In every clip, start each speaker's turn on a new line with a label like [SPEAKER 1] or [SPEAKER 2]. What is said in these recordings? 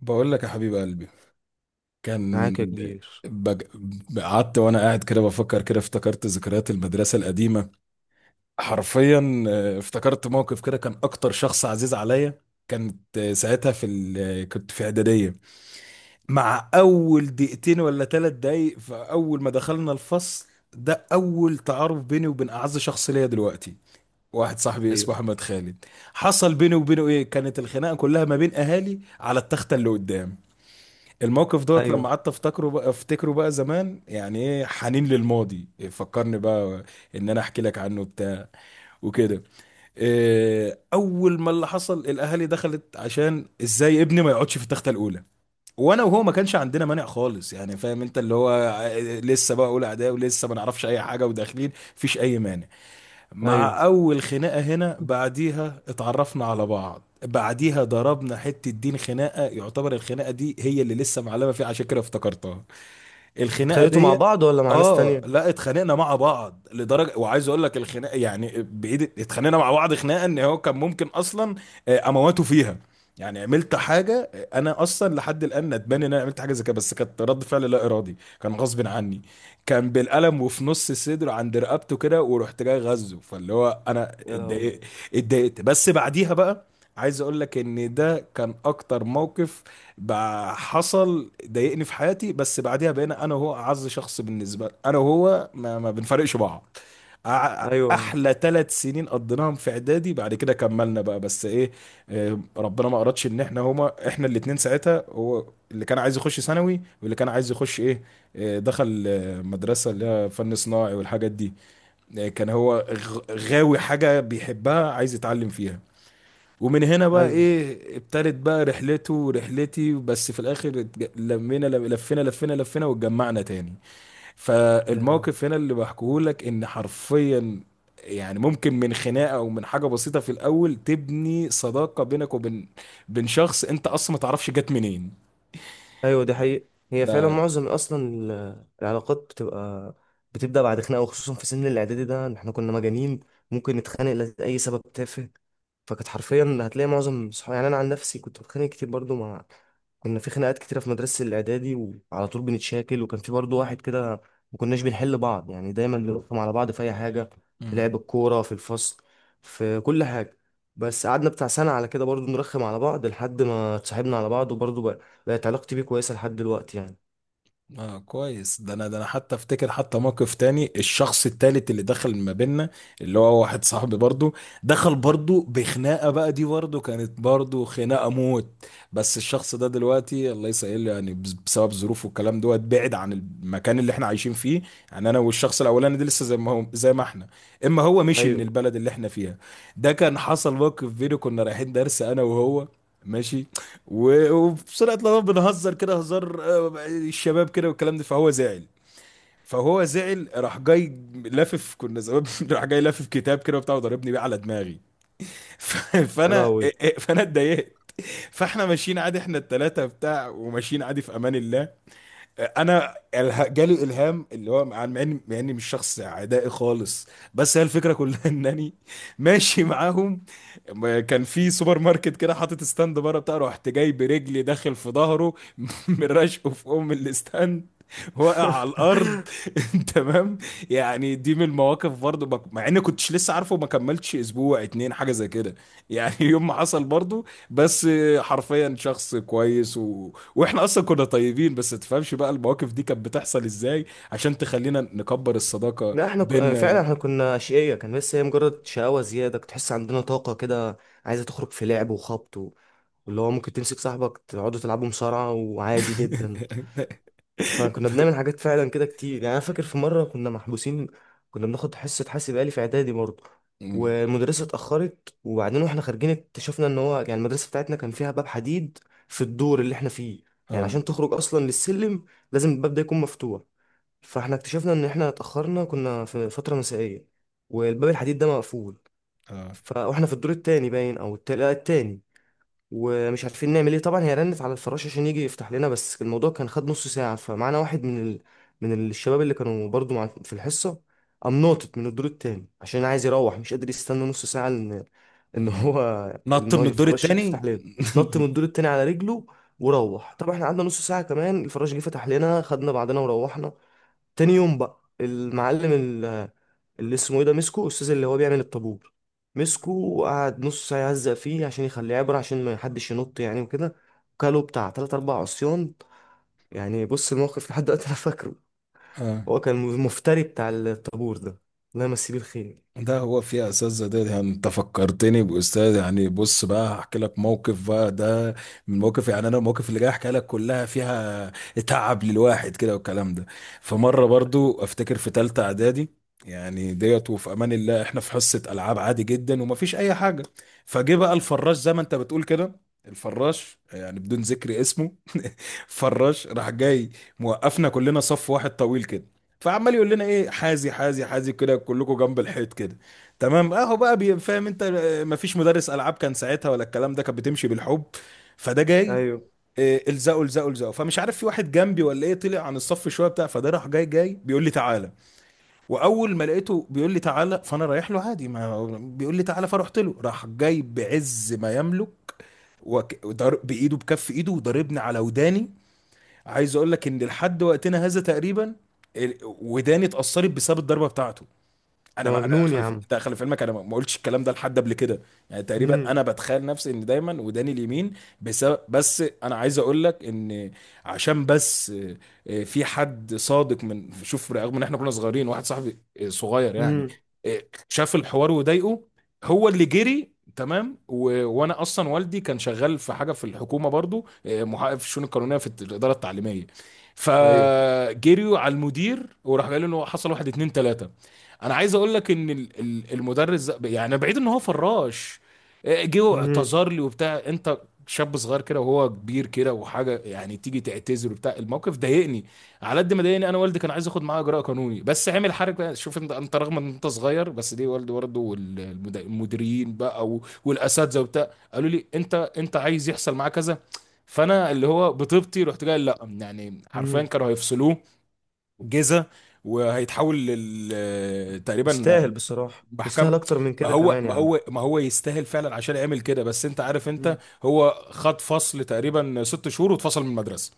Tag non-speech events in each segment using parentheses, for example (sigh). [SPEAKER 1] بقول لك يا حبيب قلبي كان
[SPEAKER 2] معاك يا كبير.
[SPEAKER 1] بج... قعدت وانا قاعد كده بفكر كده افتكرت ذكريات المدرسه القديمه حرفيا. افتكرت موقف كده كان اكتر شخص عزيز عليا كانت. ساعتها في ال... آه، كنت في اعداديه مع اول دقيقتين ولا 3 دقايق. فاول ما دخلنا الفصل ده اول تعارف بيني وبين اعز شخص ليا دلوقتي، واحد صاحبي اسمه
[SPEAKER 2] ايوه
[SPEAKER 1] احمد خالد. حصل بيني وبينه ايه؟ كانت الخناقه كلها ما بين اهالي على التخته اللي قدام. الموقف دوت لما
[SPEAKER 2] ايوه
[SPEAKER 1] قعدت افتكره بقى، افتكره بقى زمان، يعني ايه حنين للماضي، إيه فكرني بقى ان انا احكي لك عنه بتاع وكده. إيه اول ما اللي حصل الاهالي دخلت عشان ازاي ابني ما يقعدش في التخته الاولى، وانا وهو ما كانش عندنا مانع خالص، يعني فاهم انت اللي هو لسه بقى اولى اعدادي ولسه ما نعرفش اي حاجه وداخلين مفيش اي مانع.
[SPEAKER 2] ايوه،
[SPEAKER 1] مع اول خناقه هنا بعديها اتعرفنا على بعض، بعديها ضربنا حته دين خناقه، يعتبر الخناقه دي هي اللي لسه معلمه فيه، عشان كده افتكرتها الخناقه
[SPEAKER 2] اتخانقتوا مع
[SPEAKER 1] دي.
[SPEAKER 2] بعض ولا مع ناس
[SPEAKER 1] اه،
[SPEAKER 2] تانية؟
[SPEAKER 1] لا اتخانقنا مع بعض لدرجه، وعايز اقول لك الخناقه يعني بايد اتخانقنا مع بعض خناقه ان هو كان ممكن اصلا امواته فيها. يعني عملت حاجه، انا اصلا لحد الان ندمان ان انا عملت حاجه زي كده، بس كانت رد فعل لا ارادي كان غصب عني. كان بالقلم وفي نص صدره عند رقبته كده، ورحت جاي غزه، فاللي هو انا
[SPEAKER 2] يا لهوي.
[SPEAKER 1] اتضايقت. اتضايقت بس بعديها بقى عايز اقول لك ان ده كان اكتر موقف بقى حصل ضايقني في حياتي، بس بعدها بقينا انا وهو اعز شخص بالنسبه لي، انا وهو ما بنفرقش بعض.
[SPEAKER 2] ايوه
[SPEAKER 1] احلى 3 سنين قضيناهم في اعدادي، بعد كده كملنا بقى بس ايه، ربنا ما اردش ان احنا هما احنا الاتنين ساعتها. هو اللي كان عايز يخش ثانوي، واللي كان عايز يخش ايه، دخل مدرسه اللي هي فن صناعي والحاجات دي. كان هو غاوي حاجه بيحبها عايز يتعلم فيها. ومن هنا بقى
[SPEAKER 2] ايوه
[SPEAKER 1] ايه ابتدت بقى رحلته ورحلتي، بس في الاخر اتج- لمينا لم- لفينا لفينا لفينا واتجمعنا تاني. فالموقف هنا اللي بحكيه لك ان حرفيا يعني ممكن من خناقه او من حاجه بسيطه في الاول تبني صداقه بينك وبين بين شخص انت اصلا ما تعرفش جت منين.
[SPEAKER 2] ايوه. دي حقيقة، هي فعلا
[SPEAKER 1] ده
[SPEAKER 2] معظم اصلا العلاقات بتبقى بتبدا بعد خناقه، وخصوصا في سن الاعدادي ده، إن احنا كنا مجانين، ممكن نتخانق لاي سبب تافه. فكانت حرفيا هتلاقي معظم صحابي، يعني انا عن نفسي كنت بتخانق كتير برضو مع، كنا في خناقات كتيره في مدرسه الاعدادي، وعلى طول بنتشاكل، وكان في برضو واحد كده ما كناش بنحل بعض، يعني دايما بنرخم على بعض في اي حاجه، في لعب الكوره، في الفصل، في كل حاجه. بس قعدنا بتاع سنه على كده برضو نرخم على بعض لحد ما اتصاحبنا على بعض، وبرضو بقى بقت علاقتي بيه كويسة لحد دلوقتي يعني.
[SPEAKER 1] اه كويس. ده انا، ده انا حتى افتكر حتى موقف تاني، الشخص التالت اللي دخل ما بيننا اللي هو واحد صاحبي برضو، دخل برضو بخناقة بقى دي، برضو كانت برضو خناقة موت. بس الشخص ده دلوقتي الله يسهل، يعني بسبب ظروفه والكلام دوت بعد عن المكان اللي احنا عايشين فيه. يعني انا والشخص الاولاني ده لسه زي ما هو زي ما احنا، اما هو مشي من
[SPEAKER 2] ايوه.
[SPEAKER 1] البلد اللي احنا فيها. ده كان حصل موقف بيني، كنا رايحين درس انا وهو ماشي، وفي سرعة الغضب بنهزر كده هزار، الشباب كده والكلام ده، فهو زعل. فهو زعل راح جاي لافف كنا زمان (laughs) راح جاي لافف كتاب كده وبتاع وضربني بيه على دماغي. (laughs) ف-
[SPEAKER 2] يا
[SPEAKER 1] فانا إيه،
[SPEAKER 2] لهوي.
[SPEAKER 1] إيه، فانا اتضايقت. فاحنا ماشيين عادي احنا التلاتة بتاع، وماشيين عادي في امان الله. انا جالي الهام، اللي هو مع اني مش شخص عدائي خالص، بس هي الفكره كلها (laughs) انني ماشي معاهم. ما كان في سوبر ماركت كده حاطط ستاند بره بتاع، رحت جاي برجلي داخل في ظهره (laughs) من رشقه في ام الاستاند، واقع على الارض. (laughs) تمام. يعني دي من المواقف برضو مع اني كنتش لسه عارفه ما كملتش اسبوع اتنين حاجه زي كده، يعني (laughs) يوم ما حصل برضو. بس حرفيا شخص كويس، واحنا اصلا كنا طيبين، بس تفهمش بقى المواقف دي كانت بتحصل ازاي عشان تخلينا نكبر الصداقة
[SPEAKER 2] لا احنا ك... آه، فعلا
[SPEAKER 1] بينا.
[SPEAKER 2] احنا كنا اشقية كان، بس هي مجرد شقاوة زيادة، كنت تحس عندنا طاقة كده عايزة تخرج في لعب وخبط و... واللي هو ممكن تمسك صاحبك تقعدوا تلعبوا مصارعة وعادي جدا.
[SPEAKER 1] (laughs)
[SPEAKER 2] فكنا بنعمل حاجات فعلا كده كتير، يعني انا فاكر في مرة كنا محبوسين. كنا بناخد حصة حاسب آلي في اعدادي برضه،
[SPEAKER 1] أمم.
[SPEAKER 2] والمدرسة اتأخرت، وبعدين واحنا خارجين اكتشفنا ان هو يعني المدرسة بتاعتنا كان فيها باب حديد في الدور اللي احنا فيه. يعني
[SPEAKER 1] اه.
[SPEAKER 2] عشان تخرج اصلا للسلم لازم الباب ده يكون مفتوح. فاحنا اكتشفنا ان احنا اتاخرنا، كنا في فتره مسائيه، والباب الحديد ده مقفول.
[SPEAKER 1] اه.
[SPEAKER 2] واحنا في الدور التاني باين او التالت، لا، التاني، ومش عارفين نعمل ايه. طبعا هي رنت على الفراش عشان يجي يفتح لنا، بس الموضوع كان خد نص ساعه. فمعانا واحد من من الشباب اللي كانوا برضو مع... في الحصه، قام ناطط من الدور التاني عشان عايز يروح، مش قادر يستنى نص ساعه ان (laughs) ان
[SPEAKER 1] آه.
[SPEAKER 2] هو
[SPEAKER 1] نط
[SPEAKER 2] إن هو
[SPEAKER 1] من الدور
[SPEAKER 2] الفراش يجي يفتح
[SPEAKER 1] التاني.
[SPEAKER 2] لنا. نط من الدور التاني على رجله وروح. طبعا احنا قعدنا نص ساعه كمان، الفراش جه فتح لنا، خدنا بعضنا وروحنا. تاني يوم بقى المعلم اللي اسمه ايه ده مسكه، الاستاذ اللي هو بيعمل الطابور، مسكه وقعد نص ساعه يهزق فيه عشان يخليه عبره عشان ما حدش ينط يعني وكده، وكاله بتاع تلات اربع عصيان. يعني بص الموقف لحد دلوقتي انا فاكره.
[SPEAKER 1] (laughs) اه،
[SPEAKER 2] هو كان المفتري بتاع الطابور ده، الله يمسيه بالخير.
[SPEAKER 1] ده هو فيها اساتذه ده، يعني انت فكرتني باستاذ. يعني بص بقى هحكي لك موقف بقى ده من المواقف، يعني انا المواقف اللي جاي احكي لك كلها فيها تعب للواحد كده والكلام ده. فمره برضو افتكر في ثالثه اعدادي، يعني ديت وفي امان الله احنا في حصه العاب عادي جدا ومفيش اي حاجه. فجه بقى الفراش زي ما انت بتقول كده، الفراش يعني بدون ذكر اسمه، (laughs) فراش راح جاي موقفنا كلنا صف واحد طويل كده، فعمال يقول لنا ايه حازي حازي حازي كده كلكم جنب الحيط كده. تمام اهو بقى فاهم انت، مفيش مدرس العاب كان ساعتها ولا الكلام ده، كانت بتمشي بالحب. فده جاي
[SPEAKER 2] ايوه.
[SPEAKER 1] الزقوا الزقوا الزقوا، فمش عارف في واحد جنبي ولا ايه طلع عن الصف شويه بتاع، فده راح جاي جاي بيقول لي تعالى. واول ما لقيته بيقول لي تعالى فانا رايح له عادي ما بيقول لي تعالى، فرحت له راح جاي بعز ما يملك بايده بكف ايده وضربني على وداني. عايز اقول لك ان لحد وقتنا هذا تقريبا وداني اتأثرت بسبب الضربة بتاعته. انا
[SPEAKER 2] ده
[SPEAKER 1] ما انا
[SPEAKER 2] مجنون يا
[SPEAKER 1] خلف
[SPEAKER 2] عم.
[SPEAKER 1] انت خلف علمك، انا ما قلتش الكلام ده لحد قبل كده. يعني تقريبا
[SPEAKER 2] امم.
[SPEAKER 1] انا بتخيل نفسي ان دايما وداني اليمين بسبب، بس انا عايز اقول لك ان عشان بس في حد صادق من شوف، رغم ان احنا كنا صغيرين واحد صاحبي صغير يعني،
[SPEAKER 2] امم.
[SPEAKER 1] آه، شاف الحوار وضايقه، هو اللي جري. تمام وانا اصلا والدي كان شغال في حاجه في الحكومه برضو، محقق في الشؤون القانونيه في الاداره التعليميه،
[SPEAKER 2] ايوه.
[SPEAKER 1] فجريوا على المدير وراح قال له إنه حصل واحد اتنين تلاته. انا عايز اقول لك ان المدرس ده يعني بعيد ان هو فراش، جه
[SPEAKER 2] امم.
[SPEAKER 1] واعتذر لي وبتاع انت شاب صغير كده وهو كبير كده وحاجه، يعني تيجي تعتذر وبتاع. الموقف ضايقني على قد ما ضايقني، انا والدي كان عايز ياخد معاه اجراء قانوني، بس عامل حركه شوف انت، انت رغم ان انت صغير بس ليه والدي برضه والمديرين بقى والاساتذه وبتاع قالوا لي انت انت عايز يحصل معاه كذا. فانا اللي هو بطيبتي رحت جاي لا، يعني حرفيا
[SPEAKER 2] امم.
[SPEAKER 1] كانوا هيفصلوه جيزه وهيتحول لل تقريبا
[SPEAKER 2] يستاهل بصراحه،
[SPEAKER 1] محكمه.
[SPEAKER 2] يستاهل اكتر من
[SPEAKER 1] ما
[SPEAKER 2] كده
[SPEAKER 1] هو
[SPEAKER 2] كمان يا
[SPEAKER 1] ما
[SPEAKER 2] عم.
[SPEAKER 1] هو ما هو يستاهل فعلا عشان يعمل كده، بس انت عارف انت
[SPEAKER 2] مم.
[SPEAKER 1] هو خد فصل تقريبا 6 شهور واتفصل من المدرسه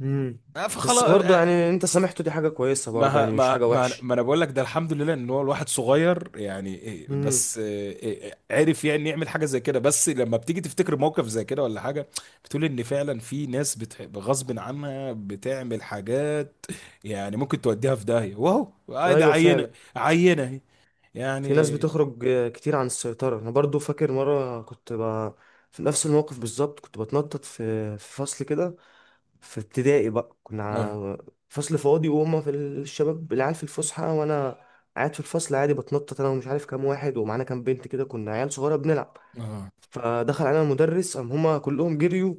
[SPEAKER 2] امم. بس
[SPEAKER 1] فخلاص.
[SPEAKER 2] برضه يعني انت سامحته، دي حاجة كويسة برضه،
[SPEAKER 1] ما
[SPEAKER 2] يعني مش
[SPEAKER 1] ما
[SPEAKER 2] حاجة
[SPEAKER 1] ما,
[SPEAKER 2] وحشة.
[SPEAKER 1] ما انا بقول لك ده الحمد لله ان هو الواحد صغير، يعني إيه،
[SPEAKER 2] امم.
[SPEAKER 1] بس إيه، إيه، عرف يعني يعمل حاجه زي كده، بس لما بتيجي تفتكر موقف زي كده ولا حاجه بتقول ان فعلا في ناس بتحب غصب عنها بتعمل حاجات، يعني ممكن توديها في داهيه واهو آه ده
[SPEAKER 2] ايوه
[SPEAKER 1] عينه،
[SPEAKER 2] فعلا.
[SPEAKER 1] عينه اهي
[SPEAKER 2] في ناس
[SPEAKER 1] يعني.
[SPEAKER 2] بتخرج كتير عن السيطرة. انا برضه فاكر مرة كنت ب... في نفس الموقف بالظبط، كنت بتنطط في في فصل كده، في ابتدائي بقى.
[SPEAKER 1] اه.
[SPEAKER 2] فصل فاضي وهما في الشباب العيال في الفسحة، وانا قاعد في الفصل عادي بتنطط انا ومش عارف كام واحد، ومعانا كام بنت كده، كنا عيال صغيرة بنلعب.
[SPEAKER 1] اه.
[SPEAKER 2] فدخل علينا المدرس، قام هما كلهم جريوا،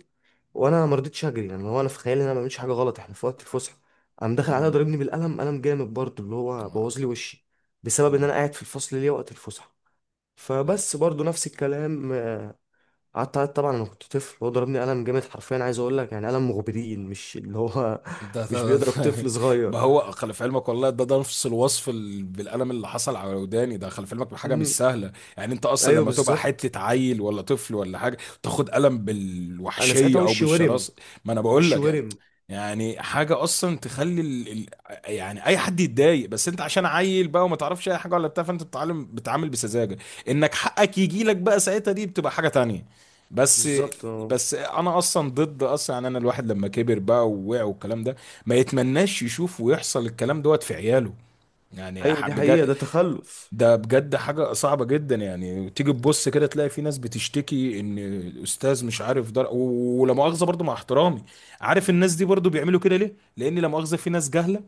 [SPEAKER 2] وانا ما رضيتش اجري، يعني هو انا في خيالي ان انا ما بعملش حاجه غلط، احنا في وقت الفسحه. قام داخل عليا
[SPEAKER 1] تمام.
[SPEAKER 2] ضاربني بالقلم، قلم جامد برضه اللي هو
[SPEAKER 1] آه،
[SPEAKER 2] بوظ لي وشي، بسبب ان انا قاعد في الفصل ليه وقت الفسحه.
[SPEAKER 1] آه.
[SPEAKER 2] فبس برضه نفس الكلام. قعدت أعيط طبعا، انا كنت طفل، هو ضربني قلم جامد حرفيا، عايز اقول لك يعني قلم مغبرين، مش اللي هو
[SPEAKER 1] ده,
[SPEAKER 2] (laughs) مش
[SPEAKER 1] ده, ده
[SPEAKER 2] بيضرب طفل
[SPEAKER 1] (laughs)
[SPEAKER 2] صغير.
[SPEAKER 1] ما هو خلف علمك والله، ده نفس الوصف بالقلم، اللي حصل على وداني ده خلف علمك حاجه مش
[SPEAKER 2] مم.
[SPEAKER 1] سهله. يعني انت اصلا
[SPEAKER 2] ايوه
[SPEAKER 1] لما تبقى
[SPEAKER 2] بالظبط.
[SPEAKER 1] حته عيل ولا طفل ولا حاجه تاخد قلم
[SPEAKER 2] انا ساعتها
[SPEAKER 1] بالوحشيه او
[SPEAKER 2] وشي ورم،
[SPEAKER 1] بالشراسه، ما انا بقول
[SPEAKER 2] وشي
[SPEAKER 1] لك يعني،
[SPEAKER 2] ورم.
[SPEAKER 1] يعني حاجه اصلا تخلي يعني اي حد يتضايق، بس انت عشان عيل بقى وما تعرفش اي حاجه ولا بتاع، فانت بتتعلم بتتعامل بسذاجه انك حقك يجي لك بقى ساعتها، دي بتبقى حاجه تانية. بس
[SPEAKER 2] بالظبط اه.
[SPEAKER 1] بس انا اصلا ضد اصلا، يعني انا الواحد لما كبر بقى ووقع والكلام ده ما يتمناش يشوف ويحصل الكلام دوت في عياله، يعني
[SPEAKER 2] ايوه دي حقيقه،
[SPEAKER 1] بجد،
[SPEAKER 2] ده تخلف.
[SPEAKER 1] ده بجد حاجة صعبة جدا. يعني تيجي تبص كده تلاقي في ناس بتشتكي ان الاستاذ مش عارف ولا مؤاخذة برضو مع احترامي، عارف الناس دي برضو بيعملوا كده ليه؟ لان لا مؤاخذة في ناس جهلة،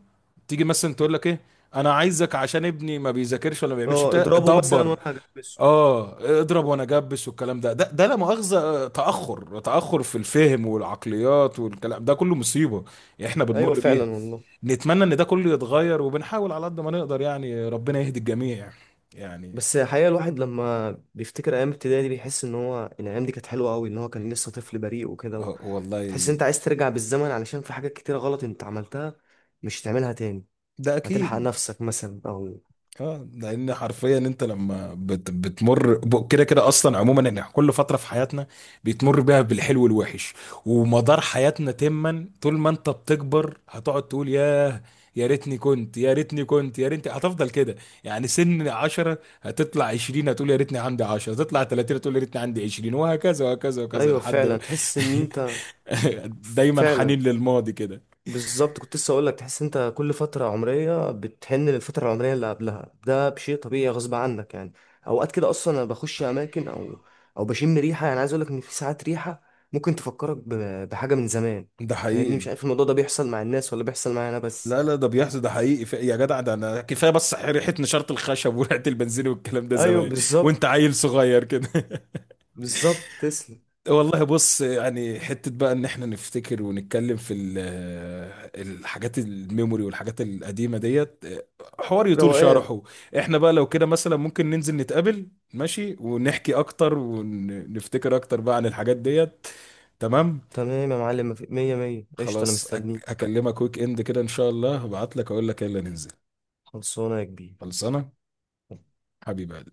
[SPEAKER 1] تيجي مثلا تقول لك ايه انا عايزك عشان ابني ما بيذاكرش ولا ما بيعملش
[SPEAKER 2] اه
[SPEAKER 1] بتاع
[SPEAKER 2] اضربه مثلا
[SPEAKER 1] دبر،
[SPEAKER 2] وانا هجبسه.
[SPEAKER 1] اه اضرب وانا جبس والكلام ده، ده ده لا مؤاخذة تأخر في الفهم والعقليات والكلام ده كله مصيبة احنا
[SPEAKER 2] ايوه
[SPEAKER 1] بنمر
[SPEAKER 2] فعلا
[SPEAKER 1] بيها.
[SPEAKER 2] والله.
[SPEAKER 1] نتمنى ان ده كله يتغير، وبنحاول على قد ما نقدر، يعني ربنا يهدي الجميع. يعني
[SPEAKER 2] بس الحقيقة الواحد لما بيفتكر أيام ابتدائي دي بيحس إن هو إن الأيام دي كانت حلوة أوي، إن هو كان لسه طفل بريء وكده.
[SPEAKER 1] والله،
[SPEAKER 2] تحس إن أنت عايز ترجع بالزمن، علشان في حاجات كتيرة غلط أنت عملتها مش هتعملها تاني،
[SPEAKER 1] ده
[SPEAKER 2] هتلحق
[SPEAKER 1] اكيد.
[SPEAKER 2] نفسك مثلا أو.
[SPEAKER 1] اه، لان حرفيا انت لما كده كده اصلا عموما ان كل فتره في حياتنا بيتمر بيها بالحلو والوحش، ومدار حياتنا تما طول ما انت بتكبر هتقعد تقول ياه، يا ريتني كنت يا ريتني هتفضل كده. يعني سن 10 هتطلع 20 هتقول يا ريتني عندي 10، هتطلع 30 هتقول يا ريتني عندي 20، وهكذا وهكذا وهكذا
[SPEAKER 2] أيوة
[SPEAKER 1] لحد ما-
[SPEAKER 2] فعلا، تحس إن أنت
[SPEAKER 1] (laughs) دايما
[SPEAKER 2] فعلا.
[SPEAKER 1] حنين للماضي كده.
[SPEAKER 2] بالظبط، كنت لسه اقول لك تحس انت كل فتره عمريه بتحن للفتره العمريه اللي قبلها، ده بشيء طبيعي غصب عنك يعني. اوقات كده اصلا انا بخش اماكن او او بشم ريحه، يعني عايز اقول لك ان في ساعات ريحه ممكن تفكرك بحاجه من زمان.
[SPEAKER 1] ده
[SPEAKER 2] فاهمني؟ مش
[SPEAKER 1] حقيقي.
[SPEAKER 2] عارف الموضوع ده بيحصل مع الناس ولا بيحصل معايا انا بس.
[SPEAKER 1] لا لا، ده بيحصل، ده حقيقي. يا جدع ده انا كفايه بس ريحه نشاره الخشب وريحه البنزين والكلام ده
[SPEAKER 2] ايوه
[SPEAKER 1] زمان
[SPEAKER 2] بالظبط.
[SPEAKER 1] وانت عيل صغير كده. (laughs)
[SPEAKER 2] بالظبط، تسلم.
[SPEAKER 1] والله بص، يعني حته بقى ان احنا نفتكر ونتكلم في الحاجات الميموري والحاجات القديمه ديت حوار يطول
[SPEAKER 2] روقان.
[SPEAKER 1] شرحه. احنا بقى لو كده مثلا ممكن ننزل نتقابل ماشي، ونحكي اكتر ونفتكر اكتر بقى عن الحاجات ديت. تمام.
[SPEAKER 2] تمام يا معلم، مية مية، قشطه انا
[SPEAKER 1] خلاص
[SPEAKER 2] مستنيك.
[SPEAKER 1] هكلمك ويك اند كده ان شاء الله، هبعت لك اقول لك يلا ننزل.
[SPEAKER 2] خلصانه يا كبير.
[SPEAKER 1] خلصانه حبيبي.